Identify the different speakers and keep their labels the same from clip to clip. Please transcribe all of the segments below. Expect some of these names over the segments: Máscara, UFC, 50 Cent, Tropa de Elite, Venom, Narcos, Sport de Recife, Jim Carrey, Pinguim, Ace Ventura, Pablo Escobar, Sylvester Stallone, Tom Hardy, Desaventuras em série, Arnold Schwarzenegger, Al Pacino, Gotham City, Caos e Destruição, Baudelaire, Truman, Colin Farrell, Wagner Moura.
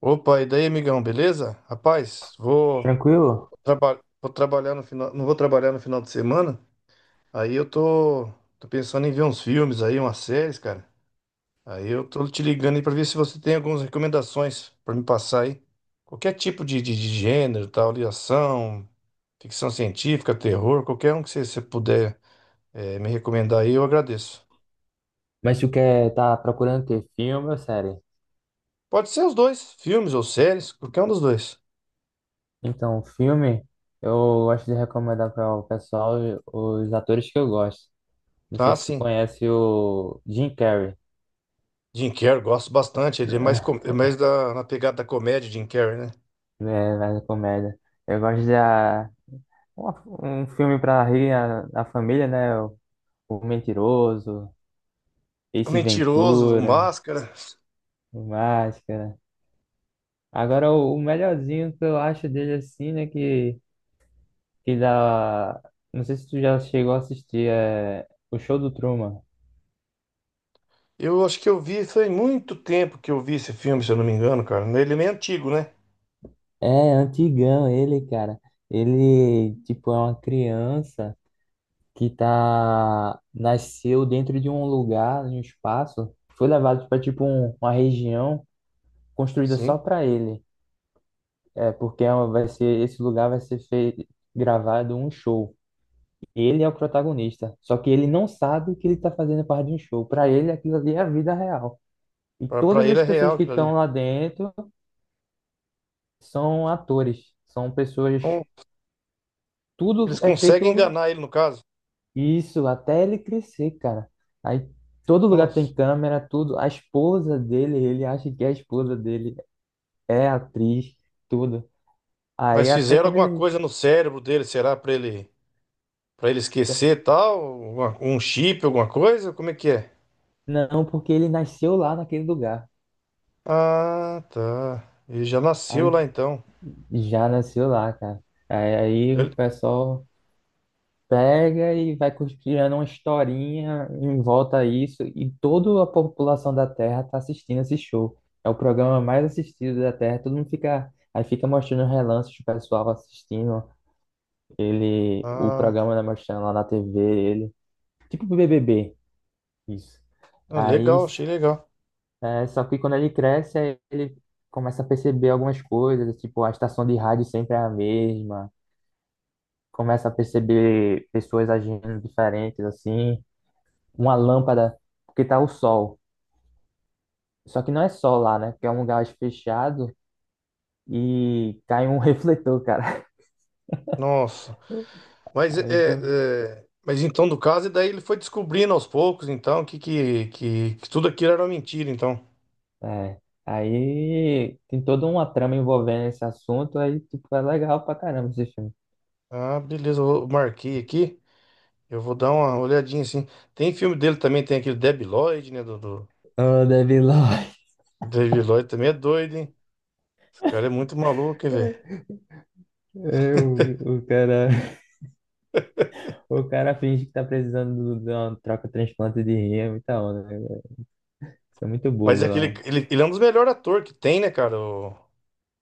Speaker 1: Opa, e daí, amigão, beleza? Rapaz,
Speaker 2: Tranquilo?
Speaker 1: vou trabalhar no final, não vou trabalhar no final de semana. Aí eu tô pensando em ver uns filmes aí, umas séries, cara. Aí eu tô te ligando aí pra ver se você tem algumas recomendações pra me passar aí. Qualquer tipo de gênero, tal, ali, ação, ficção científica, terror, qualquer um que você puder me recomendar aí, eu agradeço.
Speaker 2: Mas tu quer tá procurando ter filme ou série?
Speaker 1: Pode ser os dois, filmes ou séries, qualquer um dos dois.
Speaker 2: Então, filme, eu gosto de recomendar para o pessoal os atores que eu gosto. Não sei
Speaker 1: Tá,
Speaker 2: se tu
Speaker 1: sim.
Speaker 2: conhece o Jim Carrey,
Speaker 1: Jim Carrey, gosto bastante. Ele é é mais na pegada da comédia, Jim Carrey, né?
Speaker 2: né, mais comédia. Eu gosto de um filme para rir a família, né? O Mentiroso,
Speaker 1: O
Speaker 2: Ace
Speaker 1: Mentiroso, o
Speaker 2: Ventura,
Speaker 1: Máscara.
Speaker 2: o Máscara. Agora, o melhorzinho que eu acho dele assim, né? Que dá. Não sei se tu já chegou a assistir o show do Truman.
Speaker 1: Eu acho que eu vi, foi muito tempo que eu vi esse filme, se eu não me engano, cara. Ele é meio antigo, né?
Speaker 2: É, antigão ele, cara. Ele, tipo, é uma criança que tá nasceu dentro de um lugar, de um espaço, foi levado para tipo uma região construída só
Speaker 1: Sim.
Speaker 2: para ele. É, porque é vai ser, esse lugar vai ser feito, gravado um show. Ele é o protagonista, só que ele não sabe que ele tá fazendo parte de um show. Para ele aquilo ali é a vida real. E
Speaker 1: Pra
Speaker 2: todas
Speaker 1: ele
Speaker 2: as
Speaker 1: é
Speaker 2: pessoas
Speaker 1: real
Speaker 2: que
Speaker 1: aquilo
Speaker 2: estão
Speaker 1: ali.
Speaker 2: lá dentro são atores, são pessoas,
Speaker 1: Não- Eles
Speaker 2: tudo é
Speaker 1: conseguem
Speaker 2: feito,
Speaker 1: enganar ele, no caso.
Speaker 2: isso, até ele crescer, cara. Aí todo lugar
Speaker 1: Nossa.
Speaker 2: tem câmera, tudo. A esposa dele, ele acha que a esposa dele é atriz, tudo. Aí
Speaker 1: Mas
Speaker 2: até
Speaker 1: fizeram
Speaker 2: quando
Speaker 1: alguma
Speaker 2: ele.
Speaker 1: coisa no cérebro dele, será? Pra ele esquecer e tal? Um chip, alguma coisa? Como é que é?
Speaker 2: Não, porque ele nasceu lá naquele lugar.
Speaker 1: Ah, tá. Ele já nasceu
Speaker 2: Aí
Speaker 1: lá então.
Speaker 2: já nasceu lá, cara. Aí o
Speaker 1: Ele-
Speaker 2: pessoal pega e vai criando uma historinha em volta a isso, e toda a população da Terra tá assistindo esse show. É o programa mais assistido da Terra, todo mundo fica. Aí fica mostrando relances do pessoal assistindo ele, o
Speaker 1: Ah,
Speaker 2: programa, né, mostrando lá na TV, ele. Tipo BBB, isso. Aí,
Speaker 1: legal, achei legal.
Speaker 2: é, só que quando ele cresce, aí ele começa a perceber algumas coisas, tipo, a estação de rádio sempre é a mesma, começa a perceber pessoas agindo diferentes, assim. Uma lâmpada, porque tá o sol. Só que não é sol lá, né? Porque é um lugar fechado e cai um refletor, cara.
Speaker 1: Nossa. Mas é,
Speaker 2: Aí, quando-
Speaker 1: mas então do caso e daí ele foi descobrindo aos poucos, então, que tudo aquilo era uma mentira, então.
Speaker 2: é. Aí tem toda uma trama envolvendo esse assunto, aí tipo, é legal pra caramba esse filme.
Speaker 1: Ah, beleza, marquei aqui. Eu vou dar uma olhadinha assim. Tem filme dele também, tem aquele Debi Lloyd, né, do
Speaker 2: Oh, Devil Lloyd.
Speaker 1: Debi Lloyd também é doido, hein? Esse cara é muito maluco, hein, velho.
Speaker 2: É, o cara finge que tá precisando de uma troca de transplante de rim, é muita onda, né? Isso é muito
Speaker 1: Mas
Speaker 2: bobo
Speaker 1: é aquele
Speaker 2: lá.
Speaker 1: ele é um dos melhores atores que tem, né, cara? O,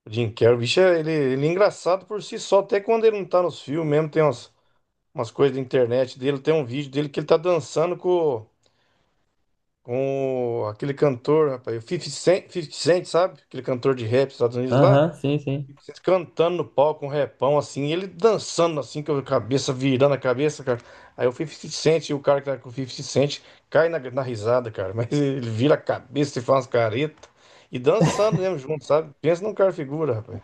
Speaker 1: o Jim Carrey, o bicho, ele é engraçado por si só, até quando ele não tá nos filmes mesmo, tem umas coisas da internet dele, tem um vídeo dele que ele tá dançando com aquele cantor, rapaz, o 50 Cent, 50 Cent, sabe? Aquele cantor de rap dos Estados Unidos lá.
Speaker 2: Aham, sim, sim.
Speaker 1: Cantando no palco, um repão assim, ele dançando assim, com a cabeça, virando a cabeça, cara. Aí o 50 Cent, e o cara que tá com o 50 Cent, cai na risada, cara. Mas ele vira a cabeça e faz umas caretas. E dançando mesmo junto, sabe? Pensa num cara figura, rapaz.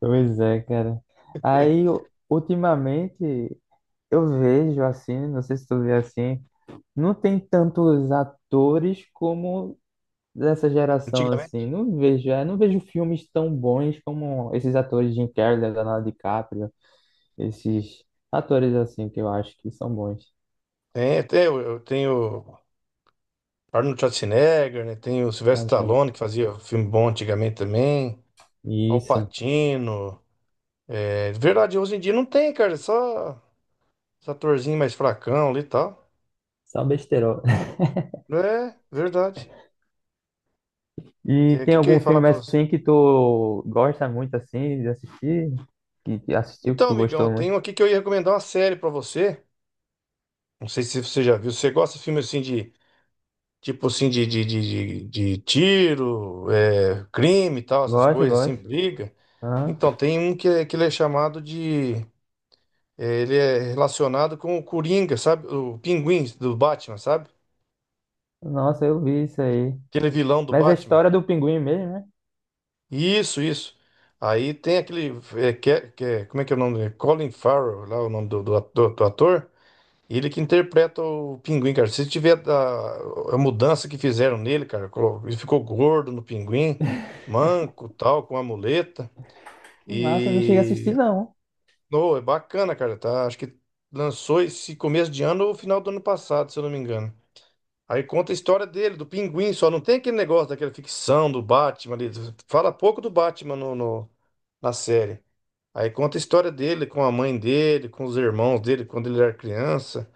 Speaker 2: Pois é, cara. Aí, ultimamente, eu vejo assim, não sei se tu vê assim, não tem tantos atores como dessa geração assim.
Speaker 1: Antigamente.
Speaker 2: Não vejo, é, não vejo filmes tão bons como esses atores Jim Carrey, Leonardo DiCaprio, esses atores assim que eu acho que são bons.
Speaker 1: Eu tenho Arnold Schwarzenegger, né? Tem o Sylvester
Speaker 2: Acho.
Speaker 1: Stallone, que fazia filme bom antigamente também. Al
Speaker 2: Isso,
Speaker 1: Pacino. É verdade, hoje em dia não tem, cara. Só os atorzinhos mais fracão ali e tal.
Speaker 2: só besteirol.
Speaker 1: É, verdade.
Speaker 2: E
Speaker 1: O
Speaker 2: tem
Speaker 1: que, que eu ia
Speaker 2: algum
Speaker 1: falar
Speaker 2: filme
Speaker 1: pra você?
Speaker 2: assim que tu gosta muito assim de assistir? Que assistiu, que
Speaker 1: Então,
Speaker 2: tu
Speaker 1: amigão, eu
Speaker 2: gostou muito?
Speaker 1: tenho aqui que eu ia recomendar uma série pra você. Não sei se você já viu. Você gosta de filme assim de. Tipo assim, de tiro, é, crime e tal, essas
Speaker 2: Gosto,
Speaker 1: coisas, assim,
Speaker 2: gosto.
Speaker 1: briga.
Speaker 2: Aham.
Speaker 1: Então, tem um que, ele é chamado de. Ele é relacionado com o Coringa, sabe? O Pinguim do Batman, sabe?
Speaker 2: Nossa, eu vi isso aí.
Speaker 1: Aquele vilão do
Speaker 2: Mas é a
Speaker 1: Batman.
Speaker 2: história do pinguim mesmo, né?
Speaker 1: Isso, isso. Aí tem aquele. Como é que é o nome dele? Colin Farrell, lá o nome do do ator. Ele que interpreta o Pinguim, cara. Se tiver a mudança que fizeram nele, cara, ele ficou gordo no Pinguim, manco, tal, com a muleta.
Speaker 2: Que massa, eu não cheguei a assistir,
Speaker 1: E.
Speaker 2: não.
Speaker 1: Oh, é bacana, cara. Tá? Acho que lançou esse começo de ano ou final do ano passado, se eu não me engano. Aí conta a história dele, do Pinguim, só não tem aquele negócio daquela ficção do Batman ali. Fala pouco do Batman na série. Aí conta a história dele com a mãe dele, com os irmãos dele, quando ele era criança.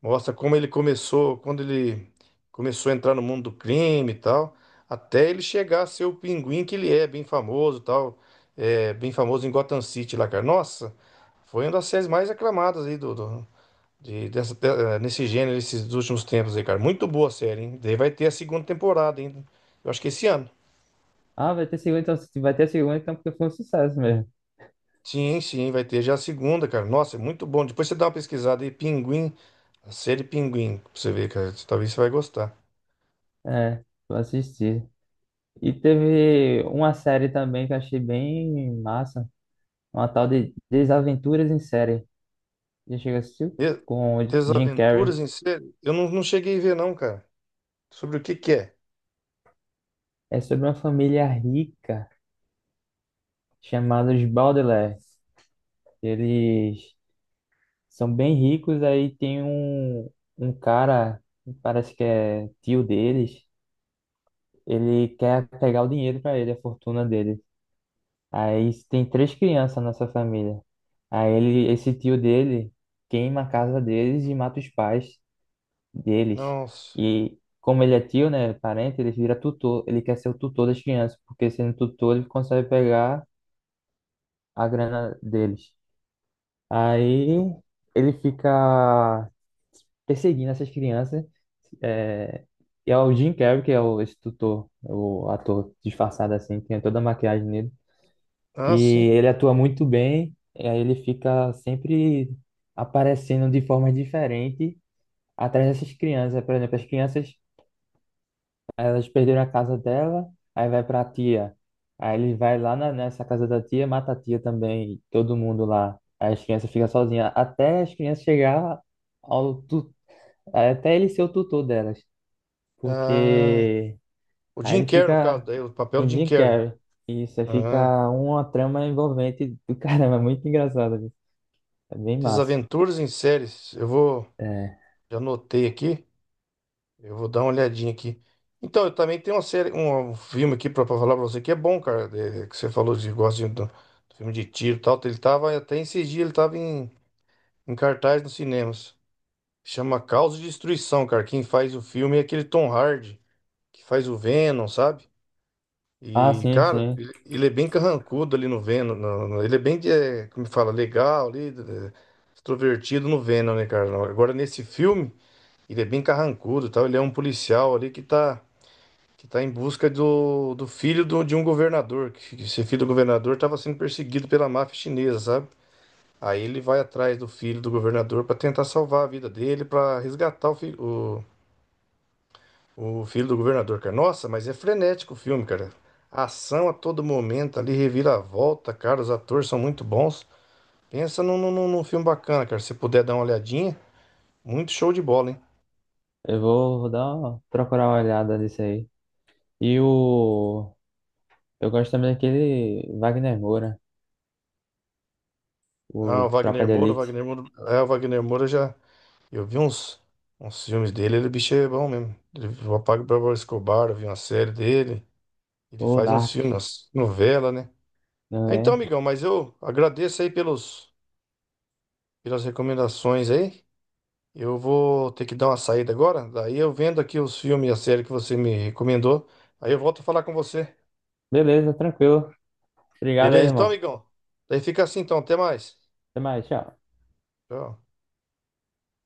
Speaker 1: Mostra como ele começou, quando ele começou a entrar no mundo do crime e tal, até ele chegar a ser o Pinguim que ele é, bem famoso e tal. É, bem famoso em Gotham City lá, cara. Nossa, foi uma das séries mais aclamadas aí dessa, nesse gênero, esses últimos tempos aí, cara. Muito boa a série, hein? Daí vai ter a segunda temporada, hein? Eu acho que esse ano.
Speaker 2: Ah, vai ter segunda, então se vai ter segunda, então porque foi um sucesso mesmo.
Speaker 1: Sim, vai ter já a segunda, cara. Nossa, é muito bom. Depois você dá uma pesquisada aí, Pinguim, a série Pinguim, pra você ver, cara. Talvez você vai gostar.
Speaker 2: É, vou assistir. E teve uma série também que eu achei bem massa. Uma tal de Desaventuras em Série. Já chegou a assistir?
Speaker 1: E-
Speaker 2: Com o Jim Carrey.
Speaker 1: Desaventuras em série? Eu não, não cheguei a ver, não, cara. Sobre o que que é?
Speaker 2: É sobre uma família rica chamada os Baudelaire. Eles são bem ricos, aí tem um cara, parece que é tio deles. Ele quer pegar o dinheiro para ele, a fortuna deles. Aí tem três crianças nessa família. Aí ele, esse tio dele queima a casa deles e mata os pais deles.
Speaker 1: Nossa.
Speaker 2: E como ele é tio, né, parente, ele vira tutor. Ele quer ser o tutor das crianças, porque sendo tutor ele consegue pegar a grana deles. Aí ele fica perseguindo essas crianças. É, e é o Jim Carrey, que é o, esse tutor, o ator disfarçado assim, tem toda a maquiagem nele.
Speaker 1: Ah,
Speaker 2: E
Speaker 1: sim.
Speaker 2: ele atua muito bem, e aí ele fica sempre aparecendo de formas diferentes atrás dessas crianças. Por exemplo, as crianças, elas perderam a casa dela, aí vai para a tia. Aí ele vai lá nessa casa da tia, mata a tia também, todo mundo lá. Aí as crianças ficam sozinhas, até as crianças chegar ao tu... até ele ser o tutor delas.
Speaker 1: Ah,
Speaker 2: Porque
Speaker 1: o
Speaker 2: aí
Speaker 1: Jim
Speaker 2: ele
Speaker 1: Carrey, no caso,
Speaker 2: fica
Speaker 1: daí, o papel
Speaker 2: com
Speaker 1: do
Speaker 2: o
Speaker 1: Jim
Speaker 2: Jim
Speaker 1: Carrey.
Speaker 2: Carrey. Isso, aí
Speaker 1: Ah,
Speaker 2: fica uma trama envolvente do caramba, é muito engraçado. É bem massa.
Speaker 1: Desaventuras em séries. Eu vou.
Speaker 2: É.
Speaker 1: Já anotei aqui. Eu vou dar uma olhadinha aqui. Então, eu também tenho uma série, um filme aqui pra falar pra você que é bom, cara. Que você falou de gosta do filme de tiro e tal. Ele tava até esses dias, ele tava em cartaz nos cinemas. Chama Caos e Destruição, cara. Quem faz o filme é aquele Tom Hardy, que faz o Venom, sabe?
Speaker 2: Ah,
Speaker 1: E,
Speaker 2: sim,
Speaker 1: cara,
Speaker 2: sim.
Speaker 1: ele é bem carrancudo ali no Venom. Ele é bem, é, como fala, legal ali, é, extrovertido no Venom, né, cara? Agora, nesse filme, ele é bem carrancudo e tal. Ele é um policial ali que tá. Que está em busca do filho de um governador. Que esse filho do governador estava sendo perseguido pela máfia chinesa, sabe? Aí ele vai atrás do filho do governador para tentar salvar a vida dele, para resgatar o filho do governador, cara. Nossa, mas é frenético o filme, cara. Ação a todo momento ali, reviravolta, cara. Os atores são muito bons. Pensa num filme bacana, cara. Se puder dar uma olhadinha, muito show de bola, hein?
Speaker 2: Eu vou, vou dar uma, procurar uma olhada nisso aí. E o. Eu gosto também daquele Wagner Moura,
Speaker 1: Ah,
Speaker 2: o
Speaker 1: o
Speaker 2: Tropa
Speaker 1: Wagner
Speaker 2: de
Speaker 1: Moura,
Speaker 2: Elite,
Speaker 1: O Wagner Moura já. Eu vi uns filmes dele, ele o bicho é bom mesmo. Ele, o Pablo Escobar, eu vi uma série dele. Ele
Speaker 2: o
Speaker 1: faz uns filmes,
Speaker 2: Narcos,
Speaker 1: umas novela, né? Ah,
Speaker 2: não
Speaker 1: Então,
Speaker 2: é?
Speaker 1: amigão, mas eu agradeço aí pelas recomendações aí. Eu vou ter que dar uma saída agora. Daí eu vendo aqui os filmes e a série que você me recomendou. Aí eu volto a falar com você.
Speaker 2: Beleza, tranquilo. Obrigado aí,
Speaker 1: Beleza, então,
Speaker 2: irmão.
Speaker 1: amigão? Daí fica assim, então. Até mais.
Speaker 2: Até mais, tchau.
Speaker 1: Tchau.